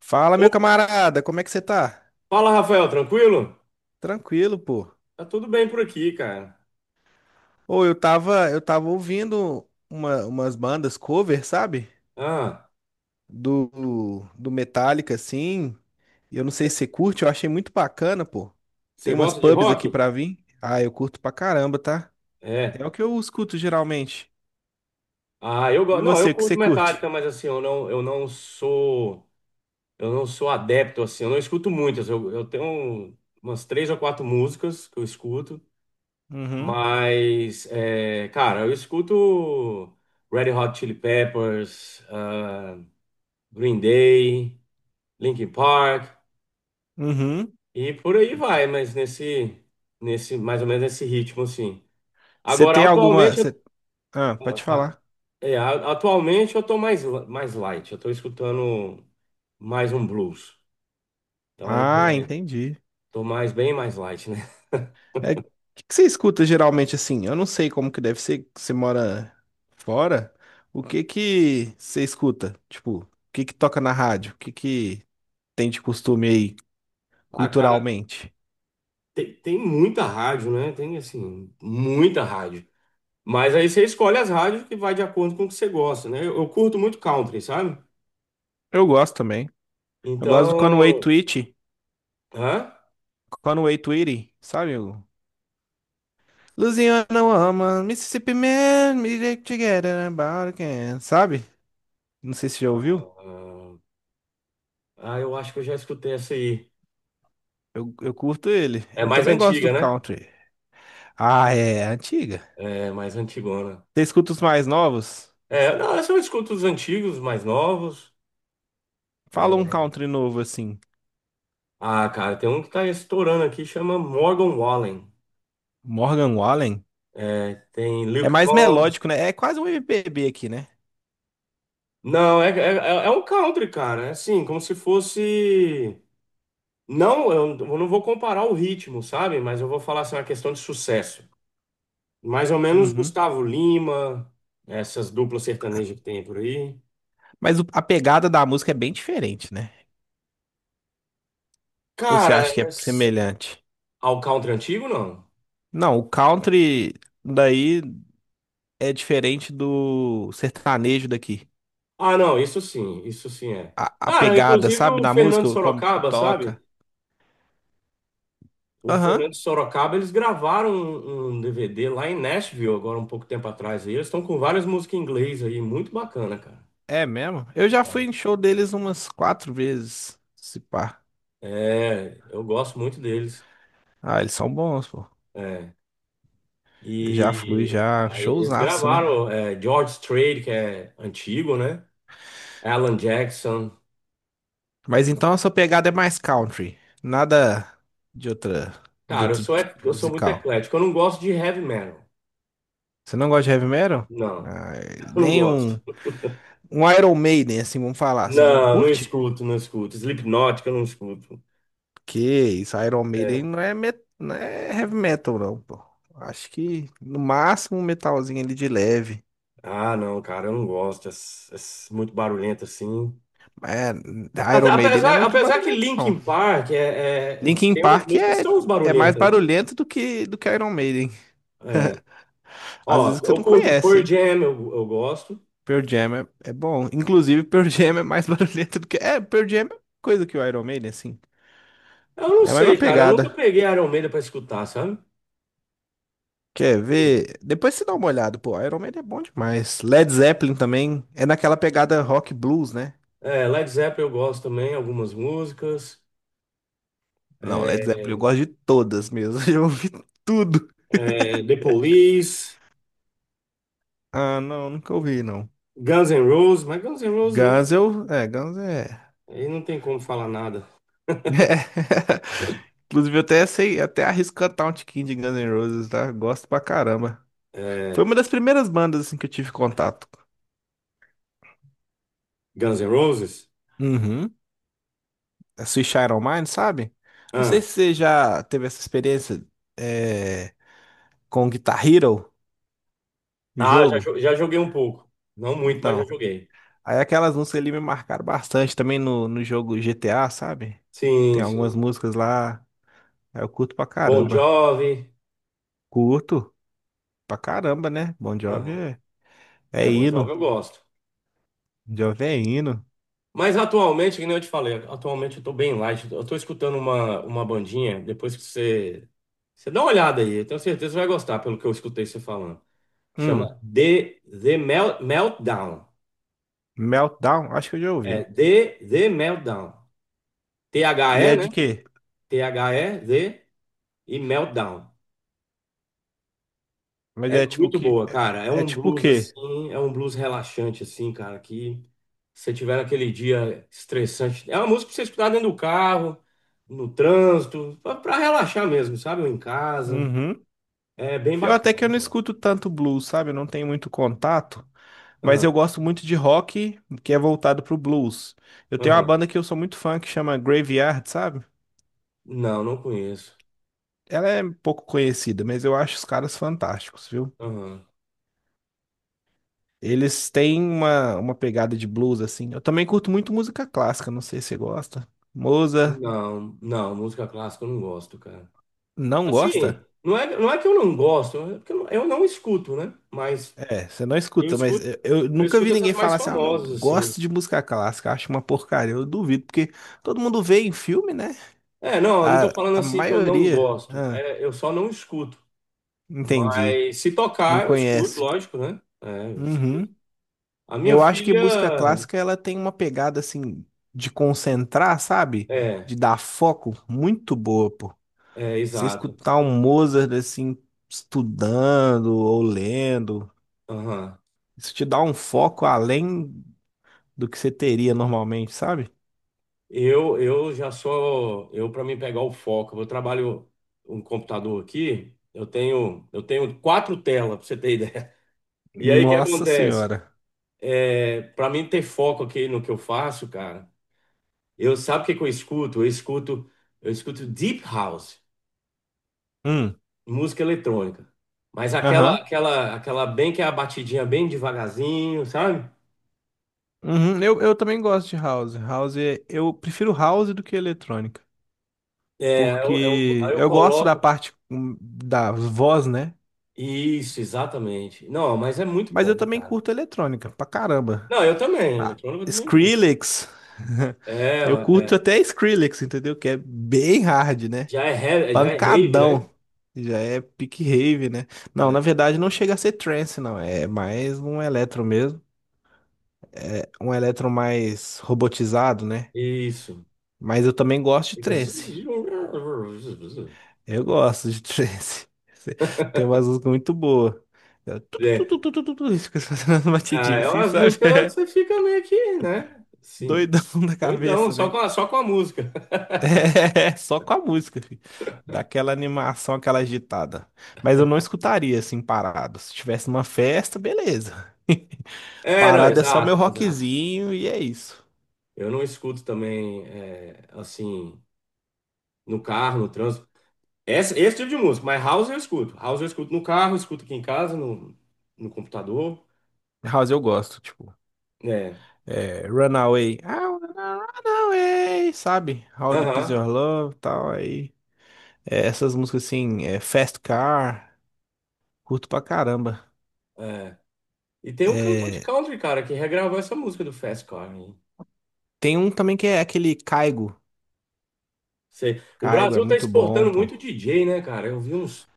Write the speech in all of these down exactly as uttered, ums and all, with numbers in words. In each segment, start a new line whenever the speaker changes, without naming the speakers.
Fala, meu
Opa,
camarada, como é que você tá?
fala, Rafael, tranquilo?
Tranquilo, pô.
Tá tudo bem por aqui, cara.
Ou eu tava, eu tava ouvindo uma- umas bandas cover, sabe?
Ah,
Do, do Metallica, assim. E eu não sei se você curte, eu achei muito bacana, pô.
você
Tem umas
gosta de
pubs aqui
rock?
pra vir. Ah, eu curto pra caramba, tá?
É.
É o que eu escuto geralmente.
Ah, eu
E
gosto. Não, eu
você, o que você
curto
curte?
Metallica, mas assim, eu não, eu não sou, eu não sou adepto assim. Eu não escuto muitas. Eu, eu tenho umas três ou quatro músicas que eu escuto,
Uhum,
mas, é, cara, eu escuto Red Hot Chili Peppers, ah, Green Day, Linkin Park
uhum.
e por aí vai. Mas nesse, nesse, mais ou menos nesse ritmo, assim.
Você
Agora,
tem alguma.
atualmente, eu-
Você... Ah, pode falar.
é, a- atualmente eu tô mais, li- mais light, eu tô escutando mais um blues. Então, tô
Ah,
mais,
entendi.
tô mais- bem mais light, né?
É, o que que você escuta geralmente assim? Eu não sei como que deve ser, que você mora fora. O que que você escuta? Tipo, o que que toca na rádio? O que que tem de costume aí
Ah, cara,
culturalmente?
tem, tem muita rádio, né? Tem, assim, muita rádio. Mas aí você escolhe as rádios que vai de acordo com o que você gosta, né? Eu, eu curto muito country, sabe?
Eu gosto também. Eu gosto do Conway
Então,
Twitty.
hã?
Conway Twitty, sabe? O Louisiana Woman, Mississippi Man, me get together about again. Sabe? Não sei se já ouviu.
Ah, ah, eu acho que eu já escutei essa aí.
Eu, eu curto ele.
É
Eu
mais
também gosto
antiga,
do
né?
country. Ah, é é antiga.
É mais antigona.
Você escuta os mais novos?
É, não, essa eu escuto os antigos, os mais novos.
Fala um
É,
country novo assim.
Ah, cara, tem um que tá estourando aqui, chama Morgan Wallen.
Morgan Wallen.
É, tem
É
Luke
mais
Combs.
melódico, né? É quase um M P B aqui, né?
Não, é, é, é é um country, cara. É assim, como se fosse. Não, eu eu não vou comparar o ritmo, sabe? Mas eu vou falar assim, uma questão de sucesso. Mais ou menos
Uhum.
Gustavo Lima, essas duplas sertanejas que tem por aí.
Mas o- a pegada da música é bem diferente, né? Ou você
Cara,
acha que
é...
é
s-
semelhante?
ah, country antigo, não?
Não, o country daí é diferente do sertanejo daqui.
Ah, não, isso sim, isso sim é.
A, a
Cara,
pegada,
inclusive
sabe,
o
na
Fernando
música, como que
Sorocaba, sabe?
toca.
O
Aham,
Fernando Sorocaba, eles gravaram um, um D V D lá em Nashville, agora um pouco tempo atrás. E eles estão com várias músicas em inglês aí, muito bacana, cara.
é mesmo. Eu já
Cara?
fui em show deles umas quatro vezes, se pá.
É, eu gosto muito deles.
Ah, eles são bons, pô.
É.
Eu já fui,
E
já.
aí eles
Showzaço, né?
gravaram é, George Strait, que é antigo, né? Alan Jackson.
Mas então a sua pegada é mais country. Nada de outra, de
Cara, eu
outro
sou,
tipo
ec-
de
eu sou muito
musical.
eclético. Eu não gosto de heavy metal.
Você não gosta de heavy metal?
Não,
Ah,
eu não
nem
gosto.
um, um Iron Maiden, assim, vamos falar. Você não
Não, não
curte?
escuto, não escuto. Slipknot, que eu não escuto.
Que isso, Iron Maiden
É.
não é, met, não é heavy metal, não, pô. Acho que no máximo um metalzinho ali de leve.
Ah, não, cara, eu não gosto. É, s- é s- muito barulhento assim.
É,
Até-
Iron Maiden não é
apesar,
muito
apesar que
barulhento, não.
Linkin Park é, é-
Linkin
tem umas
Park
músicas que
é,
são uns
é mais
barulhentas, né?
barulhento do que, do que Iron Maiden.
É.
Às vezes
Ó,
que você
eu
não
curto
conhece,
Pearl
hein?
Jam, eu, eu gosto.
Pearl Jam é, é bom. Inclusive, Pearl Jam é mais barulhento do que. É, Pearl Jam é coisa que o Iron Maiden, assim.
Eu não
É a mesma
sei, cara, eu nunca
pegada.
peguei Iron Maiden pra escutar, sabe?
Quer
Sim.
ver? Depois você dá uma olhada. Pô, Iron Maiden é bom demais. Led Zeppelin também é naquela pegada rock blues, né?
É, Led Zeppelin eu gosto também, algumas músicas.
Não, Led
É,
Zeppelin eu gosto de todas mesmo. Eu ouvi tudo.
é, The Police,
Ah, não, nunca ouvi, não.
Guns N' Roses, mas Guns N' Roses, né?
Guns eu. É, Guns é.
Aí não tem como falar nada.
É. Inclusive, eu até sei, até arrisco cantar um tiquinho de Guns N' Roses, tá? Gosto pra caramba. Foi
É,
uma das primeiras bandas assim que eu tive contato.
Guns N' Roses?
Uhum. A Switch Iron Maiden, sabe? Não sei se você já teve essa experiência é, com Guitar Hero, o
Ah, já,
jogo.
jo- já joguei um pouco. Não muito, mas já
Então,
joguei.
aí aquelas músicas ali me marcaram bastante também no, no jogo G T A, sabe? Tem
Sim,
algumas
sim.
músicas lá, aí eu curto pra
Bon
caramba.
Jovi.
Curto pra caramba, né? Bon Jovi
Aham.
é,
É,
é
Bon Jovi
hino.
eu gosto.
Bon Jovi é hino.
Mas atualmente, que nem eu te falei, atualmente eu tô bem light. Eu tô escutando uma, uma bandinha, depois que você. Você dá uma olhada aí, eu tenho certeza que você vai gostar pelo que eu escutei você falando.
Hum,
Chama The, The Mel- Meltdown.
Meltdown, acho que eu já
É
ouvi.
The, The Meltdown.
E
T H E,
é
né?
de quê?
T H E, The e Meltdown.
Mas
É
é tipo
muito
que...
boa,
É,
cara. É
é
um
tipo o
blues
quê?
assim, é um blues relaxante assim, cara, que se você tiver naquele dia estressante, é uma música pra você escutar dentro do carro, no trânsito, pra, pra relaxar mesmo, sabe? Ou em casa.
Uhum.
É bem
Eu até
bacana. É
que eu não
bom.
escuto tanto blues, sabe? Eu não tenho muito contato, mas
Ah,
eu gosto muito de rock que é voltado pro blues. Eu tenho uma
aham.
banda que eu sou muito fã que chama Graveyard, sabe?
Não, não conheço.
Ela é pouco conhecida, mas eu acho os caras fantásticos, viu?
Aham.
Eles têm uma, uma pegada de blues assim. Eu também curto muito música clássica, não sei se você gosta. Mozart,
Não, não, música clássica eu não gosto, cara.
não
Assim,
gosta?
não é, não é que eu não gosto, é porque eu não, eu não escuto, né? Mas
É, você não
eu
escuta, mas
escuto,
eu, eu
eu
nunca
escuto
vi
essas
ninguém
mais
falar assim, ah, não
famosas assim.
gosto de música clássica, acho uma porcaria. Eu duvido, porque todo mundo vê em filme, né?
É, não, eu não tô
A,
falando
a
assim que eu não
maioria.
gosto.
Ah,
É, eu só não escuto.
entendi.
Mas se
Não
tocar, eu escuto,
conhece.
lógico, né? É, eu escuto.
Uhum.
A minha
Eu acho que música
filha.
clássica ela tem uma pegada assim de concentrar, sabe?
É,
De dar foco muito boa, pô.
é,
Você
exato.
escutar um Mozart assim estudando ou lendo,
Aham.
isso te dá um foco além do que você teria normalmente, sabe?
Eu, eu já sou. Eu, para mim pegar o foco, eu trabalho um computador aqui. Eu tenho, eu tenho quatro telas, pra você ter ideia. E aí, o que
Nossa
acontece?
senhora.
É, para mim ter foco aqui no que eu faço, cara, eu sabe o que que eu escuto? Eu escuto, eu escuto Deep House,
Hum.
música eletrônica. Mas aquela,
Aham.
aquela, aquela bem que é a batidinha bem devagarzinho, sabe?
Uhum. Eu, eu também gosto de house. House, é- eu prefiro house do que eletrônica.
É, eu, eu- aí
Porque
eu
eu gosto da
coloco.
parte hum, da voz, né?
Isso, exatamente. Não, mas é muito
Mas eu
bom,
também
cara.
curto eletrônica, pra caramba.
Não, eu também,
Ah,
eletrônica eu também curto.
Skrillex.
É,
Eu curto
é.
até Skrillex, entendeu? Que é bem hard, né?
Já é, re- já é rave, né?
Pancadão. Já é pick rave, né? Não, na
É,
verdade não chega a ser trance, não. É mais um eletro mesmo. Um eletro mais robotizado, né?
isso.
Mas eu também gosto de
Fica zuz,
trance.
zuz, zuz.
Eu gosto de trance. Tem umas músicas muito boas. É tu, tu,
É,
tu, tu, tu, tu, tu, tu, isso. Fica fazendo as
ah,
batidinhas
é
assim,
umas
sabe?
músicas que
É
você fica meio que, né? Sim,
doidão da
doidão,
cabeça,
só
né?
com a, só com a música.
É, só com a música, filho. Dá aquela animação, aquela agitada. Mas eu não escutaria assim parado. Se tivesse numa festa, beleza.
É, não,
Parado é só meu
exato, exato.
rockzinho e é isso.
Eu não escuto também, é, assim, no carro, no trânsito. Esse, esse tipo de música, mas house eu escuto. House eu escuto no carro, escuto aqui em casa, no, no computador.
House eu gosto, tipo,
Né?
é, Runaway. I wanna run away, sabe? How Deep Is
Aham.
Your Love, tal, aí. É, essas músicas assim, é, Fast Car, curto pra caramba.
É. E tem um cantor de
É,
country, cara, que regravou essa música do Fast Car. Hein?
tem um também que é aquele Caigo.
Cê- o
Caigo é
Brasil tá
muito bom,
exportando
pô.
muito D J, né, cara? Eu vi uns,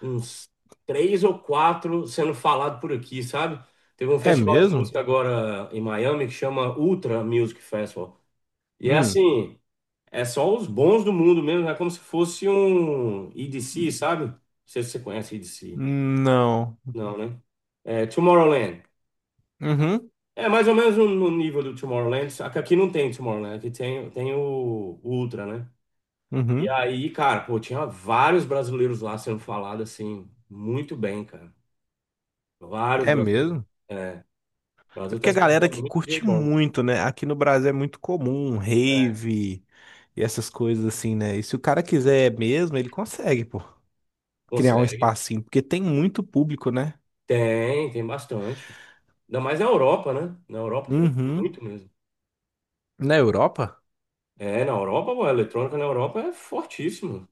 uns três ou quatro sendo falado por aqui, sabe? Teve um
É
festival de
mesmo?
música agora em Miami que chama Ultra Music Festival. E é
Hum,
assim. É só os bons do mundo mesmo, é como se fosse um E D C, sabe? Não sei se você conhece E D C.
não.
Não, né? É, Tomorrowland.
Uhum,
É mais ou menos no no nível do Tomorrowland, só que aqui não tem Tomorrowland, aqui tem, tem o, o Ultra, né? E
uhum.
aí, cara, pô, tinha vários brasileiros lá sendo falado assim, muito bem, cara. Vários
É
brasileiros.
mesmo?
É, o
É
Brasil tá
porque a galera
exportando
que
muito
curte
D J bom.
muito, né? Aqui no Brasil é muito comum,
É,
rave e essas coisas assim, né? E se o cara quiser mesmo, ele consegue, pô, criar um
consegue.
espacinho, porque tem muito público, né?
Tem, tem bastante. Ainda mais na Europa, né? Na Europa tem
Uhum.
muito mesmo.
Na Europa?
É, na Europa, pô, a eletrônica na Europa é fortíssimo.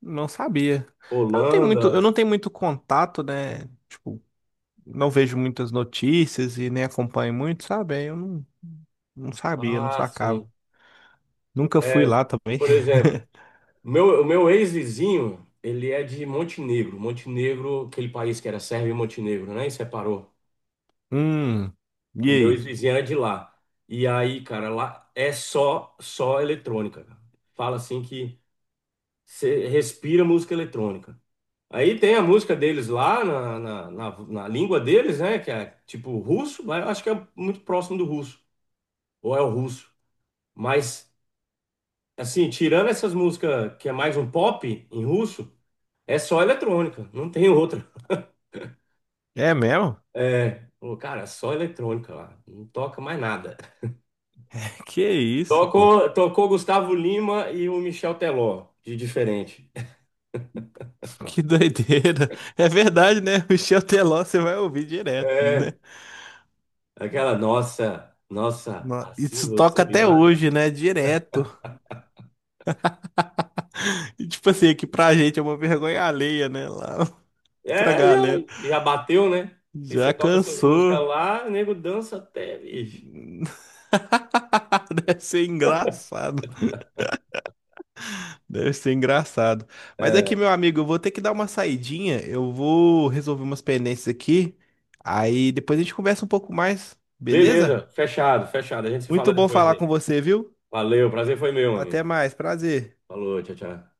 Não sabia. Eu não tenho muito, eu
Holanda,
não tenho muito contato, né? Tipo, não vejo muitas notícias e nem acompanho muito, sabe? Aí Eu não, Não sabia, não
ah, sim.
sacava. Nunca fui
É,
lá também.
por exemplo, meu, o meu ex-vizinho, ele é de Montenegro. Montenegro, aquele país que era Sérvia e Montenegro, né? E separou.
Hum, e
O meu
aí?
ex-vizinho era de lá. E aí, cara, lá é só, só eletrônica. Cara. Fala assim que você respira música eletrônica. Aí tem a música deles lá na, na, na, na língua deles, né? Que é tipo russo, mas eu acho que é muito próximo do russo, ou é o russo. Mas, assim, tirando essas músicas que é mais um pop em russo, é só eletrônica, não tem outra.
É mesmo?
É, pô, cara, é só eletrônica lá, não toca mais nada.
Que isso, pô?
Tocou, tocou Gustavo Lima e o Michel Teló, de diferente.
Que doideira. É verdade, né? Michel Teló, você vai ouvir direto, né?
É, aquela nossa, nossa,
No-
assim
Isso
você
toca
me
até
mata.
hoje, né? Direto. E, tipo assim, aqui pra gente é uma vergonha alheia, né? Lá pra
É, já,
galera.
já bateu, né? E você
Já
toca essas músicas
cansou.
lá, o nego dança até, bicho.
Deve ser engraçado. Deve ser engraçado. Mas aqui,
É,
meu amigo, eu vou ter que dar uma saidinha. Eu vou resolver umas pendências aqui. Aí depois a gente conversa um pouco mais, beleza?
beleza, fechado, fechado. A gente se fala
Muito bom
depois
falar
aí.
com você, viu?
Valeu, prazer foi meu,
Até
amigo.
mais, prazer.
Falou, tchau, tchau.